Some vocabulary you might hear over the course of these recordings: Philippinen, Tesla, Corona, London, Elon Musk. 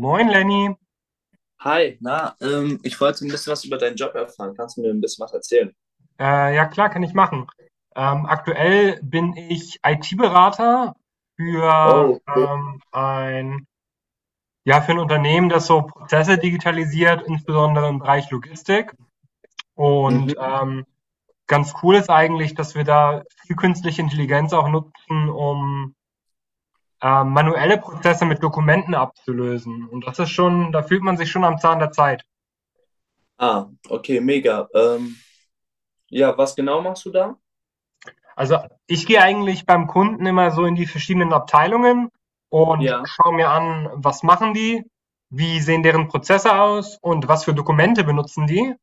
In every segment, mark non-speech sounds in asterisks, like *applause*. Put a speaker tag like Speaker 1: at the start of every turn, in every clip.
Speaker 1: Moin Lenny,
Speaker 2: Hi, na, ich wollte ein bisschen was über deinen Job erfahren. Kannst du mir ein bisschen was erzählen?
Speaker 1: ja klar, kann ich machen. Aktuell bin ich IT-Berater für
Speaker 2: Oh,
Speaker 1: ein ja für ein Unternehmen, das so Prozesse digitalisiert, insbesondere im Bereich Logistik. Und ganz cool ist eigentlich, dass wir da viel künstliche Intelligenz auch nutzen, um manuelle Prozesse mit Dokumenten abzulösen. Und das ist schon, da fühlt man sich schon am Zahn der Zeit.
Speaker 2: ah, okay, mega. Ja, was genau machst du da?
Speaker 1: Also, ich gehe eigentlich beim Kunden immer so in die verschiedenen Abteilungen und
Speaker 2: Ja,
Speaker 1: schaue mir an, was machen die, wie sehen deren Prozesse aus und was für Dokumente benutzen die.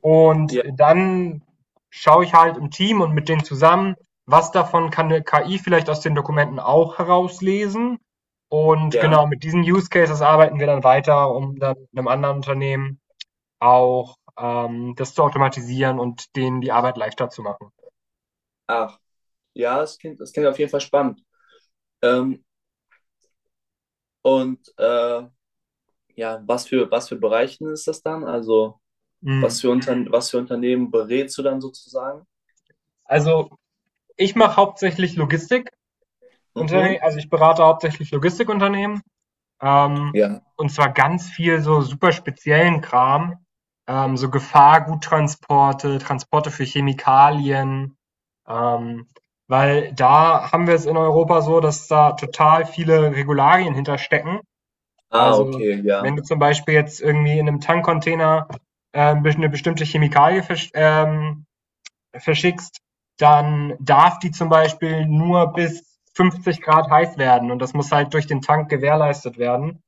Speaker 1: Und
Speaker 2: ja,
Speaker 1: dann schaue ich halt im Team und mit denen zusammen, was davon kann eine KI vielleicht aus den Dokumenten auch herauslesen. Und
Speaker 2: ja.
Speaker 1: genau mit diesen Use Cases arbeiten wir dann weiter, um dann einem anderen Unternehmen auch das zu automatisieren und denen die Arbeit leichter zu machen.
Speaker 2: Ach, ja, es klingt auf jeden Fall spannend. Ähm, und äh, ja, was für Bereichen ist das dann? Also,
Speaker 1: Mhm.
Speaker 2: was für Unternehmen berätst du dann sozusagen?
Speaker 1: Also ich mache hauptsächlich Logistikunternehmen,
Speaker 2: Mhm.
Speaker 1: also ich berate hauptsächlich Logistikunternehmen, ähm,
Speaker 2: Ja.
Speaker 1: und zwar ganz viel so super speziellen Kram, so Gefahrguttransporte, Transporte für Chemikalien, ähm, weil da haben wir es in Europa so, dass da total viele Regularien hinterstecken.
Speaker 2: Ah,
Speaker 1: Also
Speaker 2: okay,
Speaker 1: wenn
Speaker 2: ja.
Speaker 1: du zum Beispiel jetzt irgendwie in einem Tankcontainer eine bestimmte Chemikalie verschickst, dann darf die zum Beispiel nur bis 50 Grad heiß werden und das muss halt durch den Tank gewährleistet werden.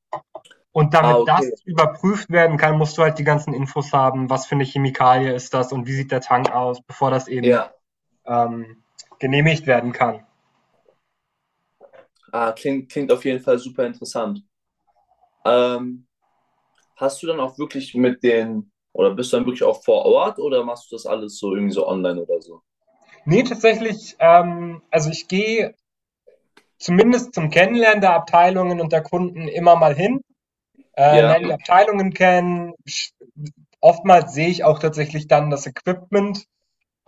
Speaker 1: Und
Speaker 2: Ah,
Speaker 1: damit
Speaker 2: okay,
Speaker 1: das überprüft werden kann, musst du halt die ganzen Infos haben, was für eine Chemikalie ist das und wie sieht der Tank aus, bevor das eben
Speaker 2: ja.
Speaker 1: ähm, genehmigt werden kann.
Speaker 2: Ah, klingt auf jeden Fall super interessant. Ähm, Hast du dann auch wirklich mit oder bist du dann wirklich auch vor Ort oder machst du das alles so irgendwie so online oder so?
Speaker 1: Nee, tatsächlich, also ich gehe zumindest zum Kennenlernen der Abteilungen und der Kunden immer mal hin,
Speaker 2: Ja,
Speaker 1: lerne die Abteilungen kennen. Oftmals sehe ich auch tatsächlich dann das Equipment,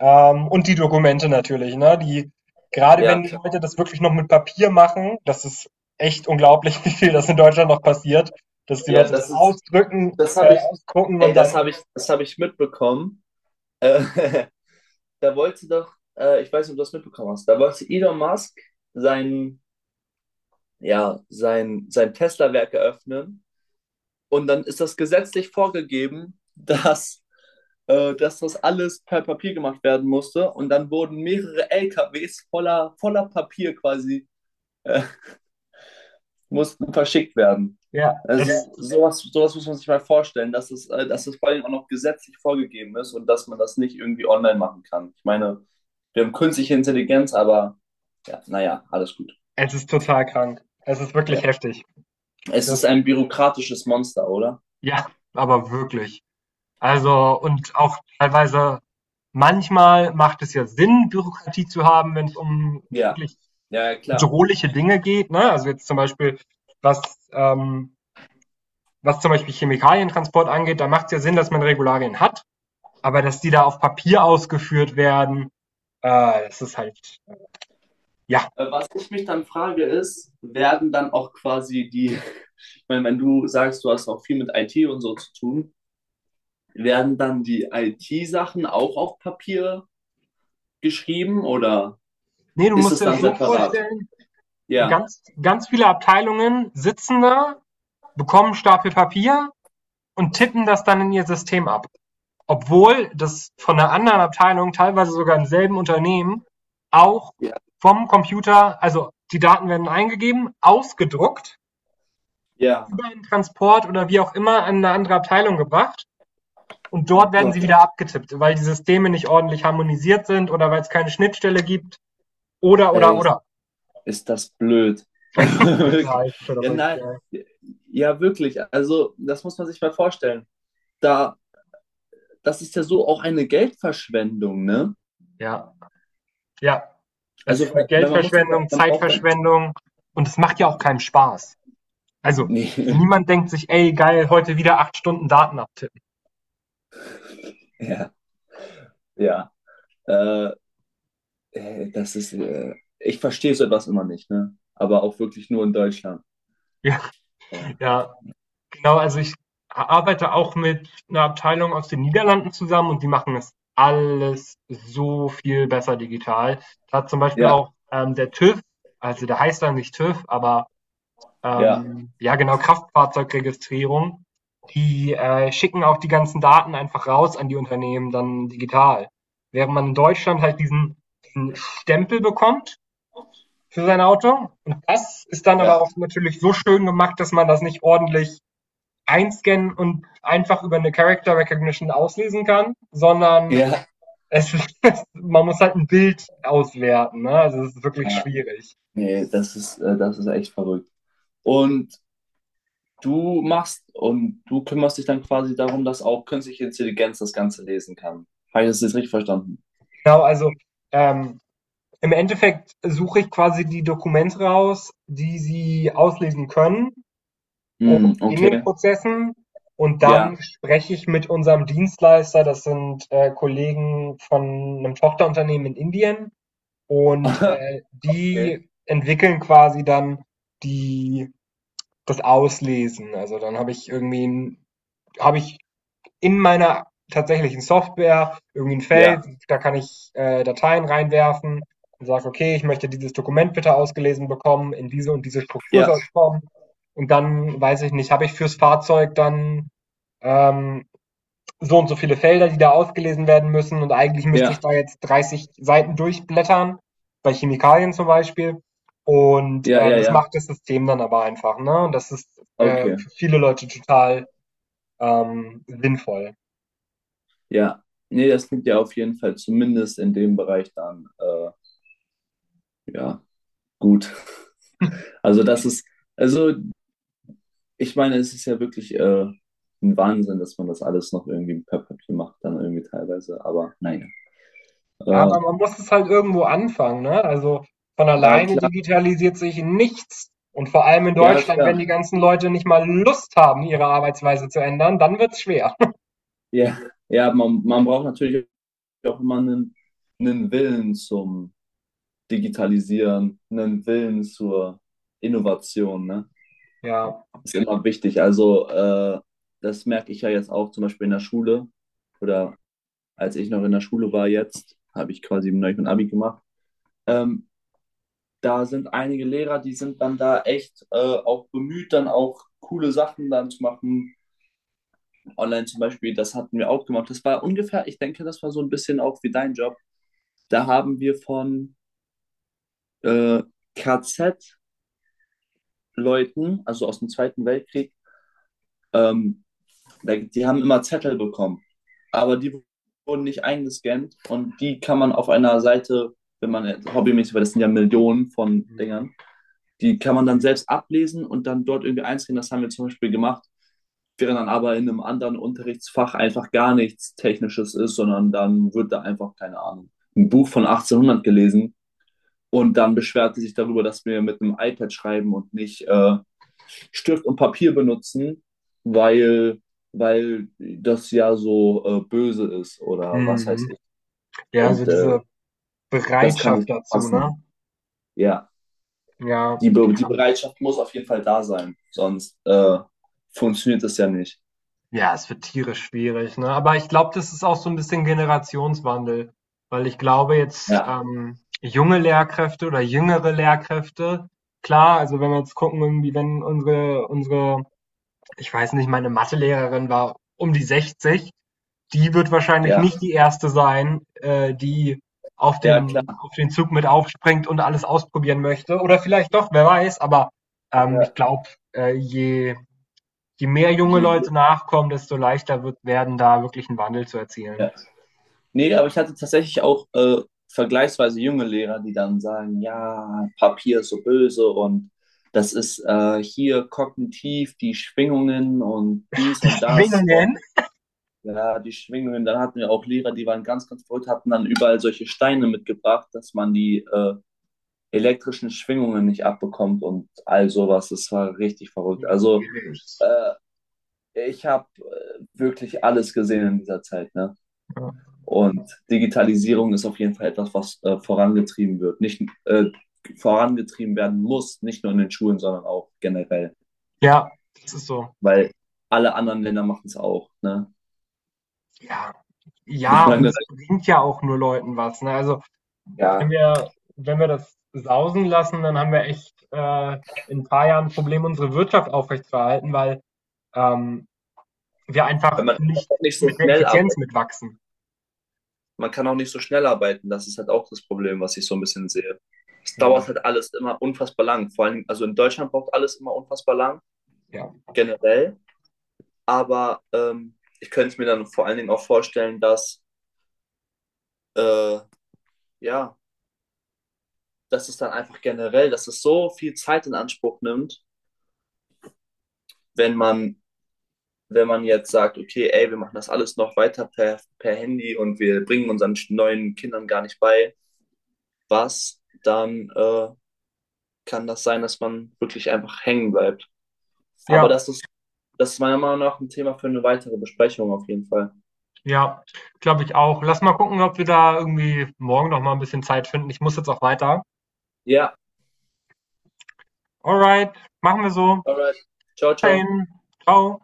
Speaker 1: Und die Dokumente natürlich, ne? Die, gerade
Speaker 2: ja,
Speaker 1: wenn die
Speaker 2: klar.
Speaker 1: Leute das wirklich noch mit Papier machen, das ist echt unglaublich, *laughs* wie viel das in Deutschland noch passiert, dass die
Speaker 2: Ja,
Speaker 1: Leute das
Speaker 2: das ist, das habe ich,
Speaker 1: ausdrucken
Speaker 2: ey,
Speaker 1: und dann,
Speaker 2: das habe ich mitbekommen. Äh, *laughs* da wollte doch, ich weiß nicht, ob du das mitbekommen hast, da wollte Elon Musk sein, sein Tesla-Werk eröffnen und dann ist das gesetzlich vorgegeben, *laughs* dass das alles per Papier gemacht werden musste und dann wurden mehrere LKWs voller Papier quasi mussten verschickt werden.
Speaker 1: ja,
Speaker 2: Also
Speaker 1: es,
Speaker 2: sowas, sowas muss man sich mal vorstellen, dass es vor allem auch noch gesetzlich vorgegeben ist und dass man das nicht irgendwie online machen kann. Ich meine, wir haben künstliche Intelligenz, aber ja, naja, alles gut.
Speaker 1: es ist total krank. Es ist
Speaker 2: Ja.
Speaker 1: wirklich heftig.
Speaker 2: Es
Speaker 1: Das,
Speaker 2: ist ein bürokratisches Monster, oder?
Speaker 1: ja, aber wirklich. Also, und auch teilweise, manchmal macht es ja Sinn, Bürokratie zu haben, wenn es um
Speaker 2: Ja,
Speaker 1: wirklich
Speaker 2: ja, ja, klar.
Speaker 1: bedrohliche Dinge geht, ne? Also jetzt zum Beispiel, was, ähm, was zum Beispiel Chemikalientransport angeht, da macht es ja Sinn, dass man Regularien hat, aber dass die da auf Papier ausgeführt werden, das ist halt, ja.
Speaker 2: Was ich mich dann frage ist, werden dann auch quasi *laughs* ich meine, wenn du sagst, du hast auch viel mit IT und so zu tun, werden dann die IT-Sachen auch auf Papier geschrieben oder?
Speaker 1: Nee, du
Speaker 2: Ist
Speaker 1: musst
Speaker 2: es
Speaker 1: dir das
Speaker 2: dann
Speaker 1: so
Speaker 2: separat.
Speaker 1: vorstellen,
Speaker 2: Ja,
Speaker 1: ganz, ganz viele Abteilungen sitzen da, bekommen Stapel Papier und tippen das dann in ihr System ab. Obwohl das von einer anderen Abteilung, teilweise sogar im selben Unternehmen, auch
Speaker 2: ja.
Speaker 1: vom Computer, also die Daten werden eingegeben, ausgedruckt,
Speaker 2: Ja.
Speaker 1: über einen Transport oder wie auch immer an eine andere Abteilung gebracht. Und dort
Speaker 2: Oh
Speaker 1: werden sie
Speaker 2: Gott,
Speaker 1: wieder abgetippt, weil die Systeme nicht ordentlich harmonisiert sind oder weil es keine Schnittstelle gibt oder
Speaker 2: ey,
Speaker 1: oder.
Speaker 2: ist das blöd. *laughs*
Speaker 1: Total
Speaker 2: Ja,
Speaker 1: verrückt,
Speaker 2: nein,
Speaker 1: ja.
Speaker 2: ja, wirklich. Also, das muss man sich mal vorstellen. Da, das ist ja so auch eine Geldverschwendung, ne?
Speaker 1: Ja, ja. Es
Speaker 2: Also,
Speaker 1: ist eine
Speaker 2: weil man muss dann ja,
Speaker 1: Geldverschwendung,
Speaker 2: man braucht dann.
Speaker 1: Zeitverschwendung und es macht ja auch keinen Spaß. Also
Speaker 2: Nee, *laughs*
Speaker 1: niemand denkt sich, ey geil, heute wieder 8 Stunden Daten abtippen. *laughs*
Speaker 2: ja, ja. Äh, ey, ich verstehe so etwas immer nicht, ne? Aber auch wirklich nur in Deutschland.
Speaker 1: Ja,
Speaker 2: Ja,
Speaker 1: ja. Genau, also ich arbeite auch mit einer Abteilung aus den Niederlanden zusammen und die machen das alles so viel besser digital. Da hat zum Beispiel
Speaker 2: ja,
Speaker 1: auch, der TÜV, also der heißt dann nicht TÜV, aber,
Speaker 2: ja,
Speaker 1: ja genau, Kraftfahrzeugregistrierung, die schicken auch die ganzen Daten einfach raus an die Unternehmen dann digital. Während man in Deutschland halt diesen Stempel bekommt für sein Auto und das ist dann aber
Speaker 2: ja.
Speaker 1: auch natürlich so schön gemacht, dass man das nicht ordentlich einscannen und einfach über eine Character Recognition auslesen kann, sondern
Speaker 2: Ja,
Speaker 1: es *laughs* man muss halt ein Bild auswerten. Ne? Also es ist wirklich
Speaker 2: ja.
Speaker 1: schwierig.
Speaker 2: Nee, das ist echt verrückt. Und du machst und du kümmerst dich dann quasi darum, dass auch künstliche Intelligenz das Ganze lesen kann. Habe ich das jetzt richtig verstanden?
Speaker 1: Genau, also ähm, im Endeffekt suche ich quasi die Dokumente raus, die sie auslesen können
Speaker 2: Hm,
Speaker 1: in den
Speaker 2: okay.
Speaker 1: Prozessen. Und
Speaker 2: Ja.
Speaker 1: dann spreche ich mit unserem Dienstleister, das sind Kollegen von einem Tochterunternehmen in Indien. Und
Speaker 2: *laughs* Okay.
Speaker 1: die entwickeln quasi dann die das Auslesen. Also dann habe ich in meiner tatsächlichen Software irgendwie ein
Speaker 2: Ja.
Speaker 1: Feld, da kann ich, Dateien reinwerfen und sage: „Okay, ich möchte dieses Dokument bitte ausgelesen bekommen, in diese und diese Struktur
Speaker 2: Ja.
Speaker 1: soll's kommen.“ Und dann, weiß ich nicht, habe ich fürs Fahrzeug dann, ähm, so und so viele Felder, die da ausgelesen werden müssen und eigentlich müsste ich
Speaker 2: Ja.
Speaker 1: da jetzt 30 Seiten durchblättern, bei Chemikalien zum Beispiel. Und
Speaker 2: Ja. Ja.
Speaker 1: das
Speaker 2: Ja.
Speaker 1: macht das System dann aber einfach. Ne? Und das ist
Speaker 2: Okay.
Speaker 1: für viele Leute total sinnvoll.
Speaker 2: Ja. Nee, das klingt ja auf jeden Fall zumindest in dem Bereich ja, gut. *laughs* Also also ich meine, es ist ja wirklich ein Wahnsinn, dass man das alles noch irgendwie per Papier macht, dann irgendwie teilweise, aber naja. Äh,
Speaker 1: Aber man muss es halt irgendwo anfangen. Ne? Also von
Speaker 2: ja,
Speaker 1: alleine
Speaker 2: klar.
Speaker 1: digitalisiert sich nichts. Und vor allem in
Speaker 2: Ja,
Speaker 1: Deutschland, wenn die
Speaker 2: klar.
Speaker 1: ganzen Leute nicht mal Lust haben, ihre Arbeitsweise zu ändern, dann wird's schwer.
Speaker 2: Ja, ja, man braucht natürlich auch immer einen, einen Willen zum Digitalisieren, einen Willen zur Innovation, ne?
Speaker 1: *laughs* Ja.
Speaker 2: Ist immer wichtig. Also, das merke ich ja jetzt auch zum Beispiel in der Schule oder als ich noch in der Schule war jetzt, habe ich quasi neulich mein Abi gemacht. Ähm, da sind einige Lehrer, die sind dann da echt auch bemüht, dann auch coole Sachen dann zu machen. Online zum Beispiel, das hatten wir auch gemacht. Das war ungefähr, ich denke, das war so ein bisschen auch wie dein Job. Da haben wir von äh, KZ-Leuten, also aus dem Zweiten Weltkrieg, ähm, die haben immer Zettel bekommen, aber die wurden nicht eingescannt und die kann man auf einer Seite, wenn man jetzt hobbymäßig, weil das sind ja Millionen von
Speaker 1: Mhm.
Speaker 2: Dingern, die kann man dann selbst ablesen und dann dort irgendwie einscannen. Das haben wir zum Beispiel gemacht, während dann aber in einem anderen Unterrichtsfach einfach gar nichts Technisches ist, sondern dann wird da einfach, keine Ahnung, ein Buch von 1800 gelesen. Und dann beschwert sie sich darüber, dass wir mit einem iPad schreiben und nicht Stift und Papier benutzen, weil, weil das ja so böse ist oder was weiß
Speaker 1: Mhm.
Speaker 2: ich.
Speaker 1: Ja, also
Speaker 2: Und äh,
Speaker 1: diese
Speaker 2: Das kann
Speaker 1: Bereitschaft
Speaker 2: nicht
Speaker 1: dazu, ne?
Speaker 2: passen. Ja,
Speaker 1: Ja.
Speaker 2: die Bereitschaft muss auf jeden Fall da sein, sonst funktioniert das ja nicht.
Speaker 1: Ja, es wird tierisch schwierig, ne? Aber ich glaube, das ist auch so ein bisschen Generationswandel, weil ich glaube jetzt,
Speaker 2: Ja,
Speaker 1: junge Lehrkräfte oder jüngere Lehrkräfte klar, also, wenn wir jetzt gucken, irgendwie, wenn unsere unsere ich weiß nicht, meine Mathelehrerin war um die 60, die wird wahrscheinlich
Speaker 2: ja,
Speaker 1: nicht die Erste sein, die auf
Speaker 2: ja,
Speaker 1: den
Speaker 2: klar.
Speaker 1: auf den Zug mit aufspringt und alles ausprobieren möchte. Oder vielleicht doch, wer weiß, aber, ich
Speaker 2: Ja,
Speaker 1: glaube, äh, je Je mehr junge
Speaker 2: je, je,
Speaker 1: Leute nachkommen, desto leichter wird werden, da wirklich 'n Wandel zu
Speaker 2: ja.
Speaker 1: erzielen.
Speaker 2: Nee, aber ich hatte tatsächlich auch vergleichsweise junge Lehrer, die dann sagen, ja, Papier ist so böse und das ist hier kognitiv die Schwingungen und dies und das
Speaker 1: Schwingungen?
Speaker 2: und ja, die Schwingungen. Dann hatten wir auch Lehrer, die waren ganz, ganz verrückt, hatten dann überall solche Steine mitgebracht, dass man die elektrischen Schwingungen nicht abbekommt und all sowas. Das war richtig verrückt. Also
Speaker 1: Schwierig.
Speaker 2: äh, ich habe wirklich alles gesehen in dieser Zeit, ne?
Speaker 1: Ja.
Speaker 2: Und Digitalisierung ist auf jeden Fall etwas, was vorangetrieben wird. Nicht vorangetrieben werden muss, nicht nur in den Schulen, sondern auch generell.
Speaker 1: Ja, das ist so.
Speaker 2: Weil alle anderen Länder machen es auch. Ne?
Speaker 1: Ja.
Speaker 2: *laughs* Ich
Speaker 1: Ja, und
Speaker 2: meine,
Speaker 1: es bringt ja auch nur Leuten was, ne? Also, wenn
Speaker 2: ja,
Speaker 1: wir wenn wir das sausen lassen, dann haben wir echt, in ein paar Jahren 'n Problem, unsere Wirtschaft aufrechtzuerhalten, weil, ähm, wir
Speaker 2: weil
Speaker 1: einfach
Speaker 2: man kann
Speaker 1: nicht
Speaker 2: nicht so
Speaker 1: mit der
Speaker 2: schnell
Speaker 1: Effizienz
Speaker 2: arbeitet.
Speaker 1: mitwachsen.
Speaker 2: Man kann auch nicht so schnell arbeiten. Das ist halt auch das Problem, was ich so ein bisschen sehe. Es
Speaker 1: Mhm.
Speaker 2: dauert halt alles immer unfassbar lang. Vor allem, also in Deutschland braucht alles immer unfassbar lang,
Speaker 1: Ja.
Speaker 2: generell. Aber ich könnte es mir dann vor allen Dingen auch vorstellen, dass äh, ja, dass es dann einfach generell, dass es so viel Zeit in Anspruch nimmt, wenn man, wenn man jetzt sagt, okay, ey, wir machen das alles noch weiter per, per Handy und wir bringen unseren neuen Kindern gar nicht bei, dann kann das sein, dass man wirklich einfach hängen bleibt. Aber
Speaker 1: Ja.
Speaker 2: das ist meiner Meinung nach ein Thema für eine weitere Besprechung auf jeden Fall.
Speaker 1: Ja, glaube ich auch. Lass mal gucken, ob wir da irgendwie morgen noch mal ein bisschen Zeit finden. Ich muss jetzt auch weiter.
Speaker 2: Ja,
Speaker 1: Alright, machen wir so.
Speaker 2: alright. Ciao,
Speaker 1: Bis
Speaker 2: ciao.
Speaker 1: dahin. Tschau.